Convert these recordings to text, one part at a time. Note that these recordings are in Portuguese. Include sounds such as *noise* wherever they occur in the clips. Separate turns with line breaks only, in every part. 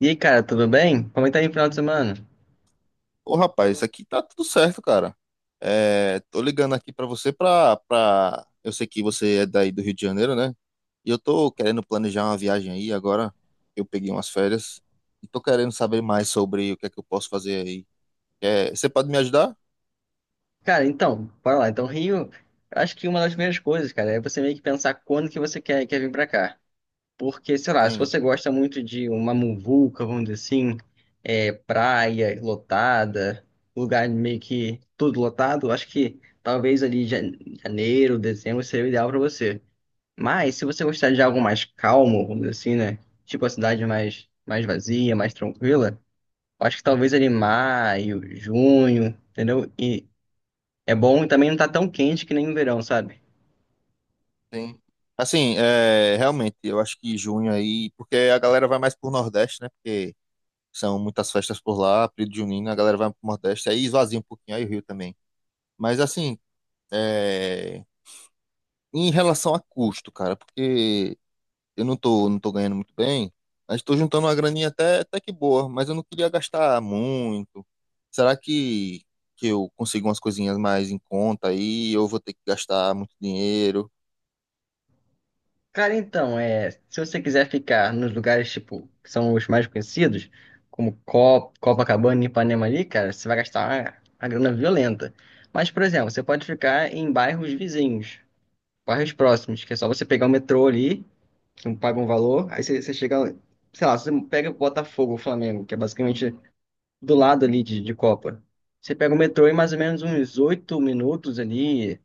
E aí, cara, tudo bem? Como é que tá aí o final de semana?
Ô, rapaz, isso aqui tá tudo certo, cara. Tô ligando aqui pra você pra... Eu sei que você é daí do Rio de Janeiro, né? E eu tô querendo planejar uma viagem aí agora. Eu peguei umas férias e tô querendo saber mais sobre o que é que eu posso fazer aí. Você pode me ajudar?
Cara, então, bora lá. Então, Rio, eu acho que uma das primeiras coisas, cara, é você meio que pensar quando que você quer vir pra cá. Porque, sei lá, se
Sim,
você gosta muito de uma muvuca, vamos dizer assim, praia lotada, lugar meio que tudo lotado, eu acho que talvez ali janeiro, dezembro seria o ideal pra você. Mas, se você gostar de algo mais calmo, vamos dizer assim, né? Tipo a cidade mais vazia, mais tranquila. Acho que talvez ali maio, junho, entendeu? E é bom e também não tá tão quente que nem no verão, sabe?
sim. Assim, realmente, eu acho que junho aí... Porque a galera vai mais pro Nordeste, né? Porque são muitas festas por lá, período junino, a galera vai pro Nordeste. Aí esvazia um pouquinho, aí o Rio também. Mas assim... É... Em relação a custo, cara, porque eu não tô ganhando muito bem, mas tô juntando uma graninha até que boa, mas eu não queria gastar muito. Será que, que eu consigo umas coisinhas mais em conta aí? Eu vou ter que gastar muito dinheiro?
Cara, então, se você quiser ficar nos lugares, tipo, que são os mais conhecidos, como Copacabana e Ipanema ali, cara, você vai gastar uma grana violenta. Mas, por exemplo, você pode ficar em bairros vizinhos, bairros próximos, que é só você pegar o metrô ali, que não paga um valor, aí você chega, sei lá, você pega Botafogo, Flamengo, que é basicamente do lado ali de Copa. Você pega o metrô em mais ou menos uns 8 minutos ali,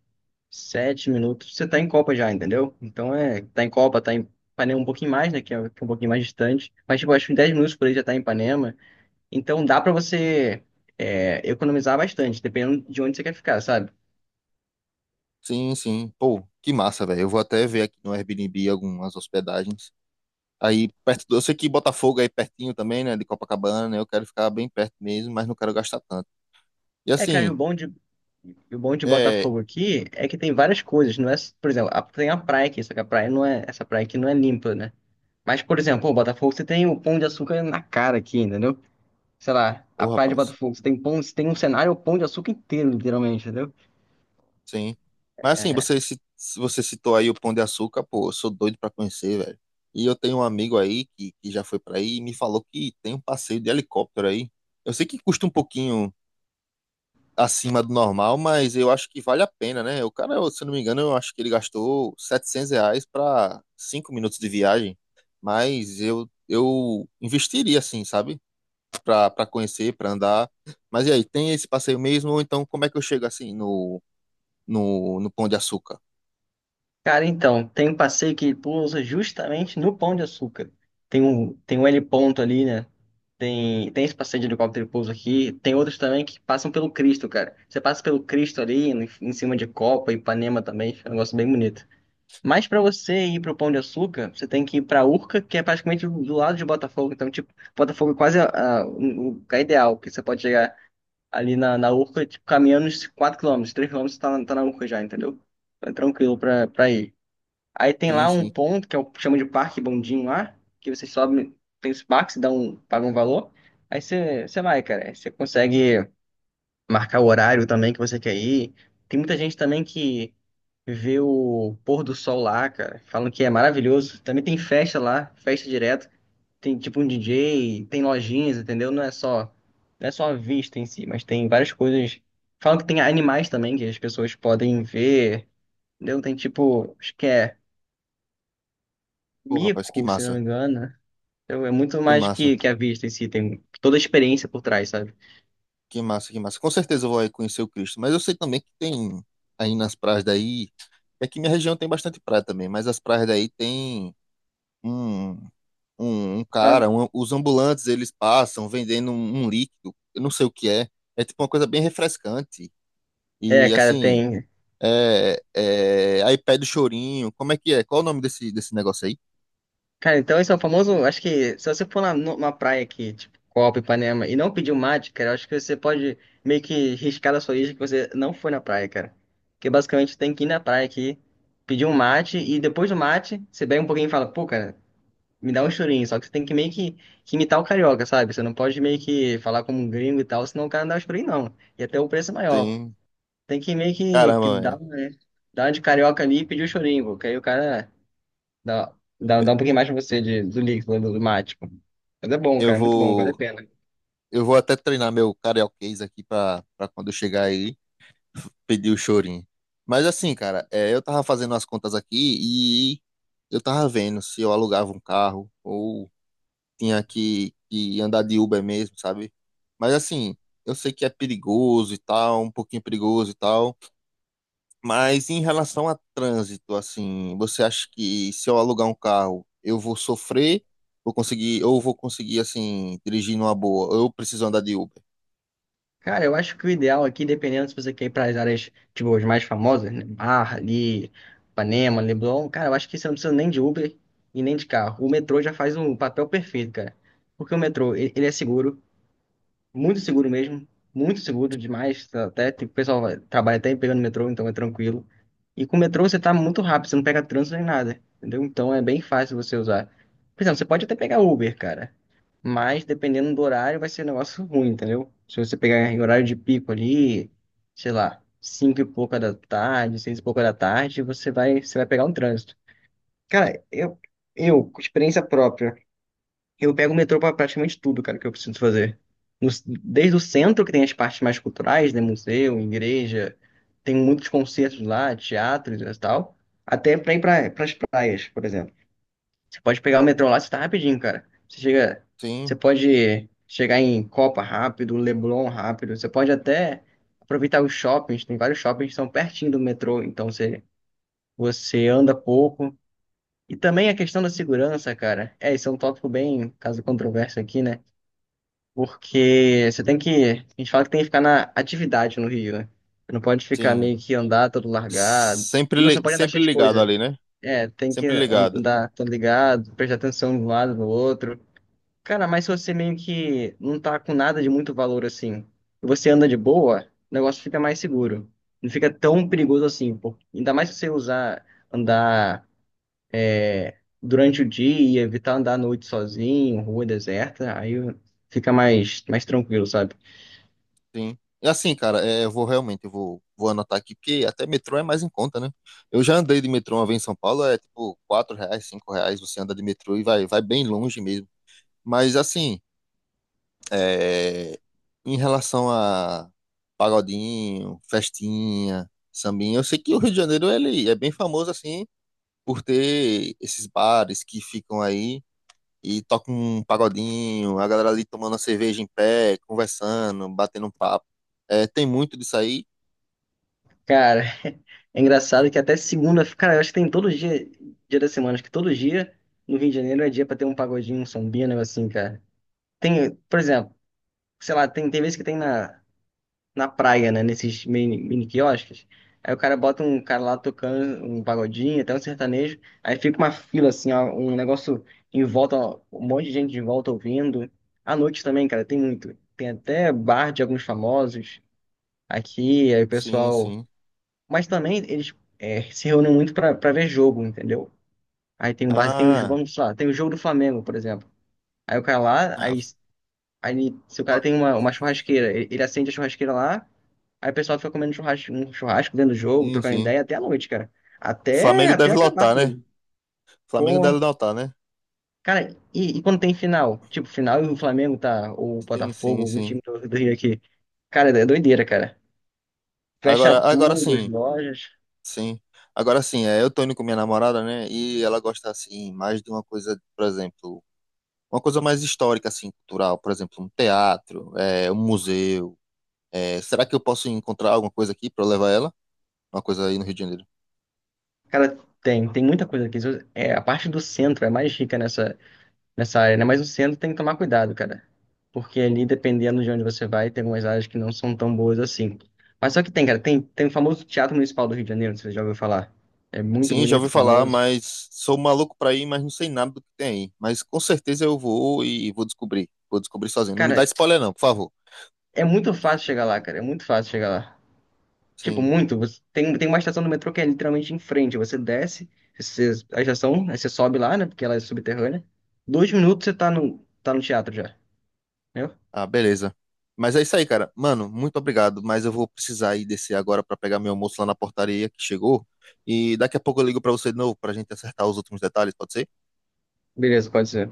7 minutos, você tá em Copa já, entendeu? Então é, tá em Copa, tá em Ipanema um pouquinho mais, né, que é um pouquinho mais distante, mas tipo, acho que em 10 minutos por aí já tá em Ipanema. Então dá pra você economizar bastante, dependendo de onde você quer ficar, sabe?
Sim, sim. Pô, que massa, velho. Eu vou até ver aqui no Airbnb algumas hospedagens. Aí, perto do... Eu sei que Botafogo é aí pertinho também, né? De Copacabana, né? Eu quero ficar bem perto mesmo, mas não quero gastar tanto. E
É, cara,
assim,
e o bom de
é...
Botafogo aqui é que tem várias coisas, não é, por exemplo, tem a praia aqui, só que a praia não é, essa praia aqui não é limpa, né? Mas, por exemplo, o Botafogo, você tem o Pão de Açúcar na cara aqui, entendeu? Sei lá, a
Ô,
Praia de
rapaz.
Botafogo. Você tem pão, você tem um cenário o Pão de Açúcar inteiro, literalmente, entendeu?
Sim. Mas assim,
É,
se você citou aí o Pão de Açúcar, pô, eu sou doido pra conhecer, velho. E eu tenho um amigo aí que já foi pra aí e me falou que tem um passeio de helicóptero aí. Eu sei que custa um pouquinho acima do normal, mas eu acho que vale a pena, né? O cara, se eu não me engano, eu acho que ele gastou R$ 700 pra 5 minutos de viagem. Mas eu investiria, assim, sabe? Pra conhecer, pra andar. Mas e aí, tem esse passeio mesmo? Ou então, como é que eu chego assim no Pão de Açúcar?
cara, então, tem um passeio que pousa justamente no Pão de Açúcar. Tem um heliponto ali, né? Tem esse passeio de helicóptero que pousa aqui. Tem outros também que passam pelo Cristo, cara. Você passa pelo Cristo ali, em cima de Copa, Ipanema também. É um negócio bem bonito. Mas pra você ir pro Pão de Açúcar, você tem que ir pra Urca, que é praticamente do lado de Botafogo. Então, tipo, Botafogo é quase ah, o lugar ideal, que você pode chegar ali na Urca, tipo, caminhando uns 4 km, 3 km tá, tá na Urca já, entendeu? Então é tranquilo pra ir. Aí tem
Sim,
lá um
sim.
ponto, que é o chama de Parque Bondinho lá, que você sobe, tem os parques, dá um, paga um valor, aí você vai, cara. Aí você consegue marcar o horário também que você quer ir. Tem muita gente também que vê o pôr do sol lá, cara. Falam que é maravilhoso. Também tem festa lá, festa direto. Tem tipo um DJ, tem lojinhas, entendeu? Não é só a vista em si, mas tem várias coisas. Falam que tem animais também que as pessoas podem ver, entendeu? Tem tipo, acho que é
Pô, rapaz, que
mico, se não
massa,
me engano. Então é muito
que
mais
massa,
que a vista em si, tem toda a experiência por trás, sabe?
que massa, que massa. Com certeza eu vou aí conhecer o Cristo, mas eu sei também que tem aí nas praias daí, é que minha região tem bastante praia também, mas as praias daí tem um, um
Mas,
cara, os ambulantes eles passam vendendo um líquido, eu não sei o que é, é tipo uma coisa bem refrescante.
É,
E
cara,
assim,
tem.
aí pede o chorinho, como é que é? Qual o nome desse negócio aí?
Cara, então esse é o famoso. Acho que se você for numa praia aqui, tipo Copa, Ipanema, e não pedir um mate, cara, eu acho que você pode meio que riscar da sua lista que você não foi na praia, cara. Porque basicamente tem que ir na praia aqui, pedir um mate, e depois do mate, você bebe um pouquinho e fala, pô, cara, me dá um chorinho. Só que você tem que que imitar o carioca, sabe? Você não pode meio que falar como um gringo e tal, senão o cara não dá o chorinho, não. E até o preço é maior.
Tem,
Tem que que
caramba,
dar,
velho.
né? Dar uma de carioca ali e pedir o chorinho, porque aí o cara. Dá, dá um pouquinho mais pra você do líquido, do mate. Pô. Mas é bom,
Eu
cara, é muito bom, vale a
vou.
pena.
Eu vou até treinar meu carioquês aqui pra quando eu chegar aí, *laughs* pedir o chorinho. Mas assim, cara, eu tava fazendo as contas aqui e eu tava vendo se eu alugava um carro ou tinha que andar de Uber mesmo, sabe? Mas assim, eu sei que é perigoso e tal, um pouquinho perigoso e tal, mas em relação a trânsito, assim, você acha que se eu alugar um carro, eu vou sofrer, vou conseguir, ou vou conseguir, assim, dirigir numa boa, ou eu preciso andar de Uber?
Cara, eu acho que o ideal aqui, dependendo se você quer ir para as áreas, tipo, as mais famosas, né? Barra, ali, Ipanema, Leblon, cara, eu acho que você não precisa nem de Uber e nem de carro. O metrô já faz um papel perfeito, cara. Porque o metrô, ele é seguro, muito seguro mesmo. Muito seguro demais. Tá, até, tipo, o trabalha até pegando metrô, então é tranquilo. E com o metrô você tá muito rápido, você não pega trânsito nem nada. Entendeu? Então é bem fácil você usar. Por exemplo, você pode até pegar Uber, cara. Mas dependendo do horário, vai ser um negócio ruim, entendeu? Se você pegar em horário de pico ali, sei lá, cinco e pouca da tarde, seis e pouca da tarde, você vai pegar um trânsito. Cara, eu, com experiência própria. Eu pego o metrô pra praticamente tudo, cara, que eu preciso fazer. No- desde o centro, que tem as partes mais culturais, né? Museu, igreja, tem muitos concertos lá, teatros e tal, até pra ir pras praias, por exemplo. Você pode pegar o metrô lá, você tá rapidinho, cara. Você chega, você
Sim.
pode chegar em Copa rápido, Leblon rápido, você pode até aproveitar os shoppings, tem vários shoppings que são pertinho do metrô, então você anda pouco. E também a questão da segurança, cara. É, isso é um tópico bem caso controverso aqui, né? Porque você tem que. A gente fala que tem que ficar na atividade no Rio, né? Você não pode ficar
Sim.
meio que andar todo largado. Não, você pode andar
Sempre
cheio de
ligado
coisa.
ali, né?
É, tem que
Sempre ligado.
andar todo ligado, prestar atenção de um lado no outro. Cara, mas se você meio que não tá com nada de muito valor assim, e você anda de boa, o negócio fica mais seguro. Não fica tão perigoso assim, pô. Ainda mais se você usar, andar é, durante o dia, evitar andar à noite sozinho, rua deserta, aí fica mais tranquilo, sabe?
Sim. E assim, cara, eu vou realmente, vou anotar aqui, porque até metrô é mais em conta, né? Eu já andei de metrô uma vez em São Paulo, é tipo R$ 4, R$ 5, você anda de metrô e vai, vai bem longe mesmo. Mas assim, é, em relação a pagodinho, festinha, sambinha, eu sei que o Rio de Janeiro, ele é bem famoso, assim, por ter esses bares que ficam aí e toca um pagodinho, a galera ali tomando a cerveja em pé, conversando, batendo um papo. É, tem muito disso aí?
Cara, *laughs* é engraçado que até segunda, cara, eu acho que tem todo dia, dia da semana, acho que todo dia no Rio de Janeiro é dia pra ter um pagodinho, um sambinha, um negócio assim, cara. Tem, por exemplo, sei lá, tem vezes que tem na praia, né? Nesses mini quiosques. Aí o cara bota um cara lá tocando um pagodinho, até um sertanejo. Aí fica uma fila, assim, ó, um negócio em volta, ó, um monte de gente em volta ouvindo. À noite também, cara, tem muito. Tem até bar de alguns famosos aqui, aí o
Sim,
pessoal.
sim.
Mas também eles se reúnem muito pra ver jogo, entendeu? Aí tem um base, tem os,
Ah,
vamos lá, tem o jogo do Flamengo, por exemplo. Aí o cara lá,
ah,
aí, aí se o cara
Fla-
tem uma churrasqueira, ele acende a churrasqueira lá. Aí o pessoal fica comendo churrasco, um churrasco dentro do jogo,
sim,
trocando
sim.
ideia até a noite, cara.
Flamengo
Até
deve
acabar
lotar, né?
tudo.
Flamengo deve
Pô,
lotar, né?
cara, e quando tem final? Tipo, final e o Flamengo tá, ou o
Sim,
Botafogo,
sim,
algum
sim.
time do Rio aqui. Cara, é doideira, cara. Fecha
Agora, agora
tudo, as
sim,
lojas.
sim. Agora sim, é, eu tô indo com minha namorada, né? E ela gosta, assim, mais de uma coisa, por exemplo, uma coisa mais histórica, assim, cultural. Por exemplo, um teatro, é, um museu. É, será que eu posso encontrar alguma coisa aqui pra eu levar ela? Uma coisa aí no Rio de Janeiro.
Cara, tem muita coisa aqui. É, a parte do centro é mais rica nessa área, né? Mas o centro tem que tomar cuidado, cara. Porque ali, dependendo de onde você vai, tem algumas áreas que não são tão boas assim. Mas só que tem, cara, tem o famoso Teatro Municipal do Rio de Janeiro, você já ouviu falar. É muito
Sim, já ouvi
bonito,
falar,
famoso.
mas sou maluco pra ir, mas não sei nada do que tem aí. Mas com certeza eu vou e vou descobrir. Vou descobrir sozinho. Não me dá
Cara,
spoiler não, por favor.
é muito fácil chegar lá, cara. É muito fácil chegar lá. Tipo,
Sim.
muito. Você, tem uma estação do metrô que é literalmente em frente. Você desce, você, a estação, aí você sobe lá, né? Porque ela é subterrânea. 2 minutos você tá tá no teatro já. Entendeu?
Ah, beleza. Mas é isso aí, cara. Mano, muito obrigado, mas eu vou precisar ir descer agora pra pegar meu almoço lá na portaria que chegou. E daqui a pouco eu ligo pra você de novo pra gente acertar os últimos detalhes, pode ser?
Beleza, pode ser.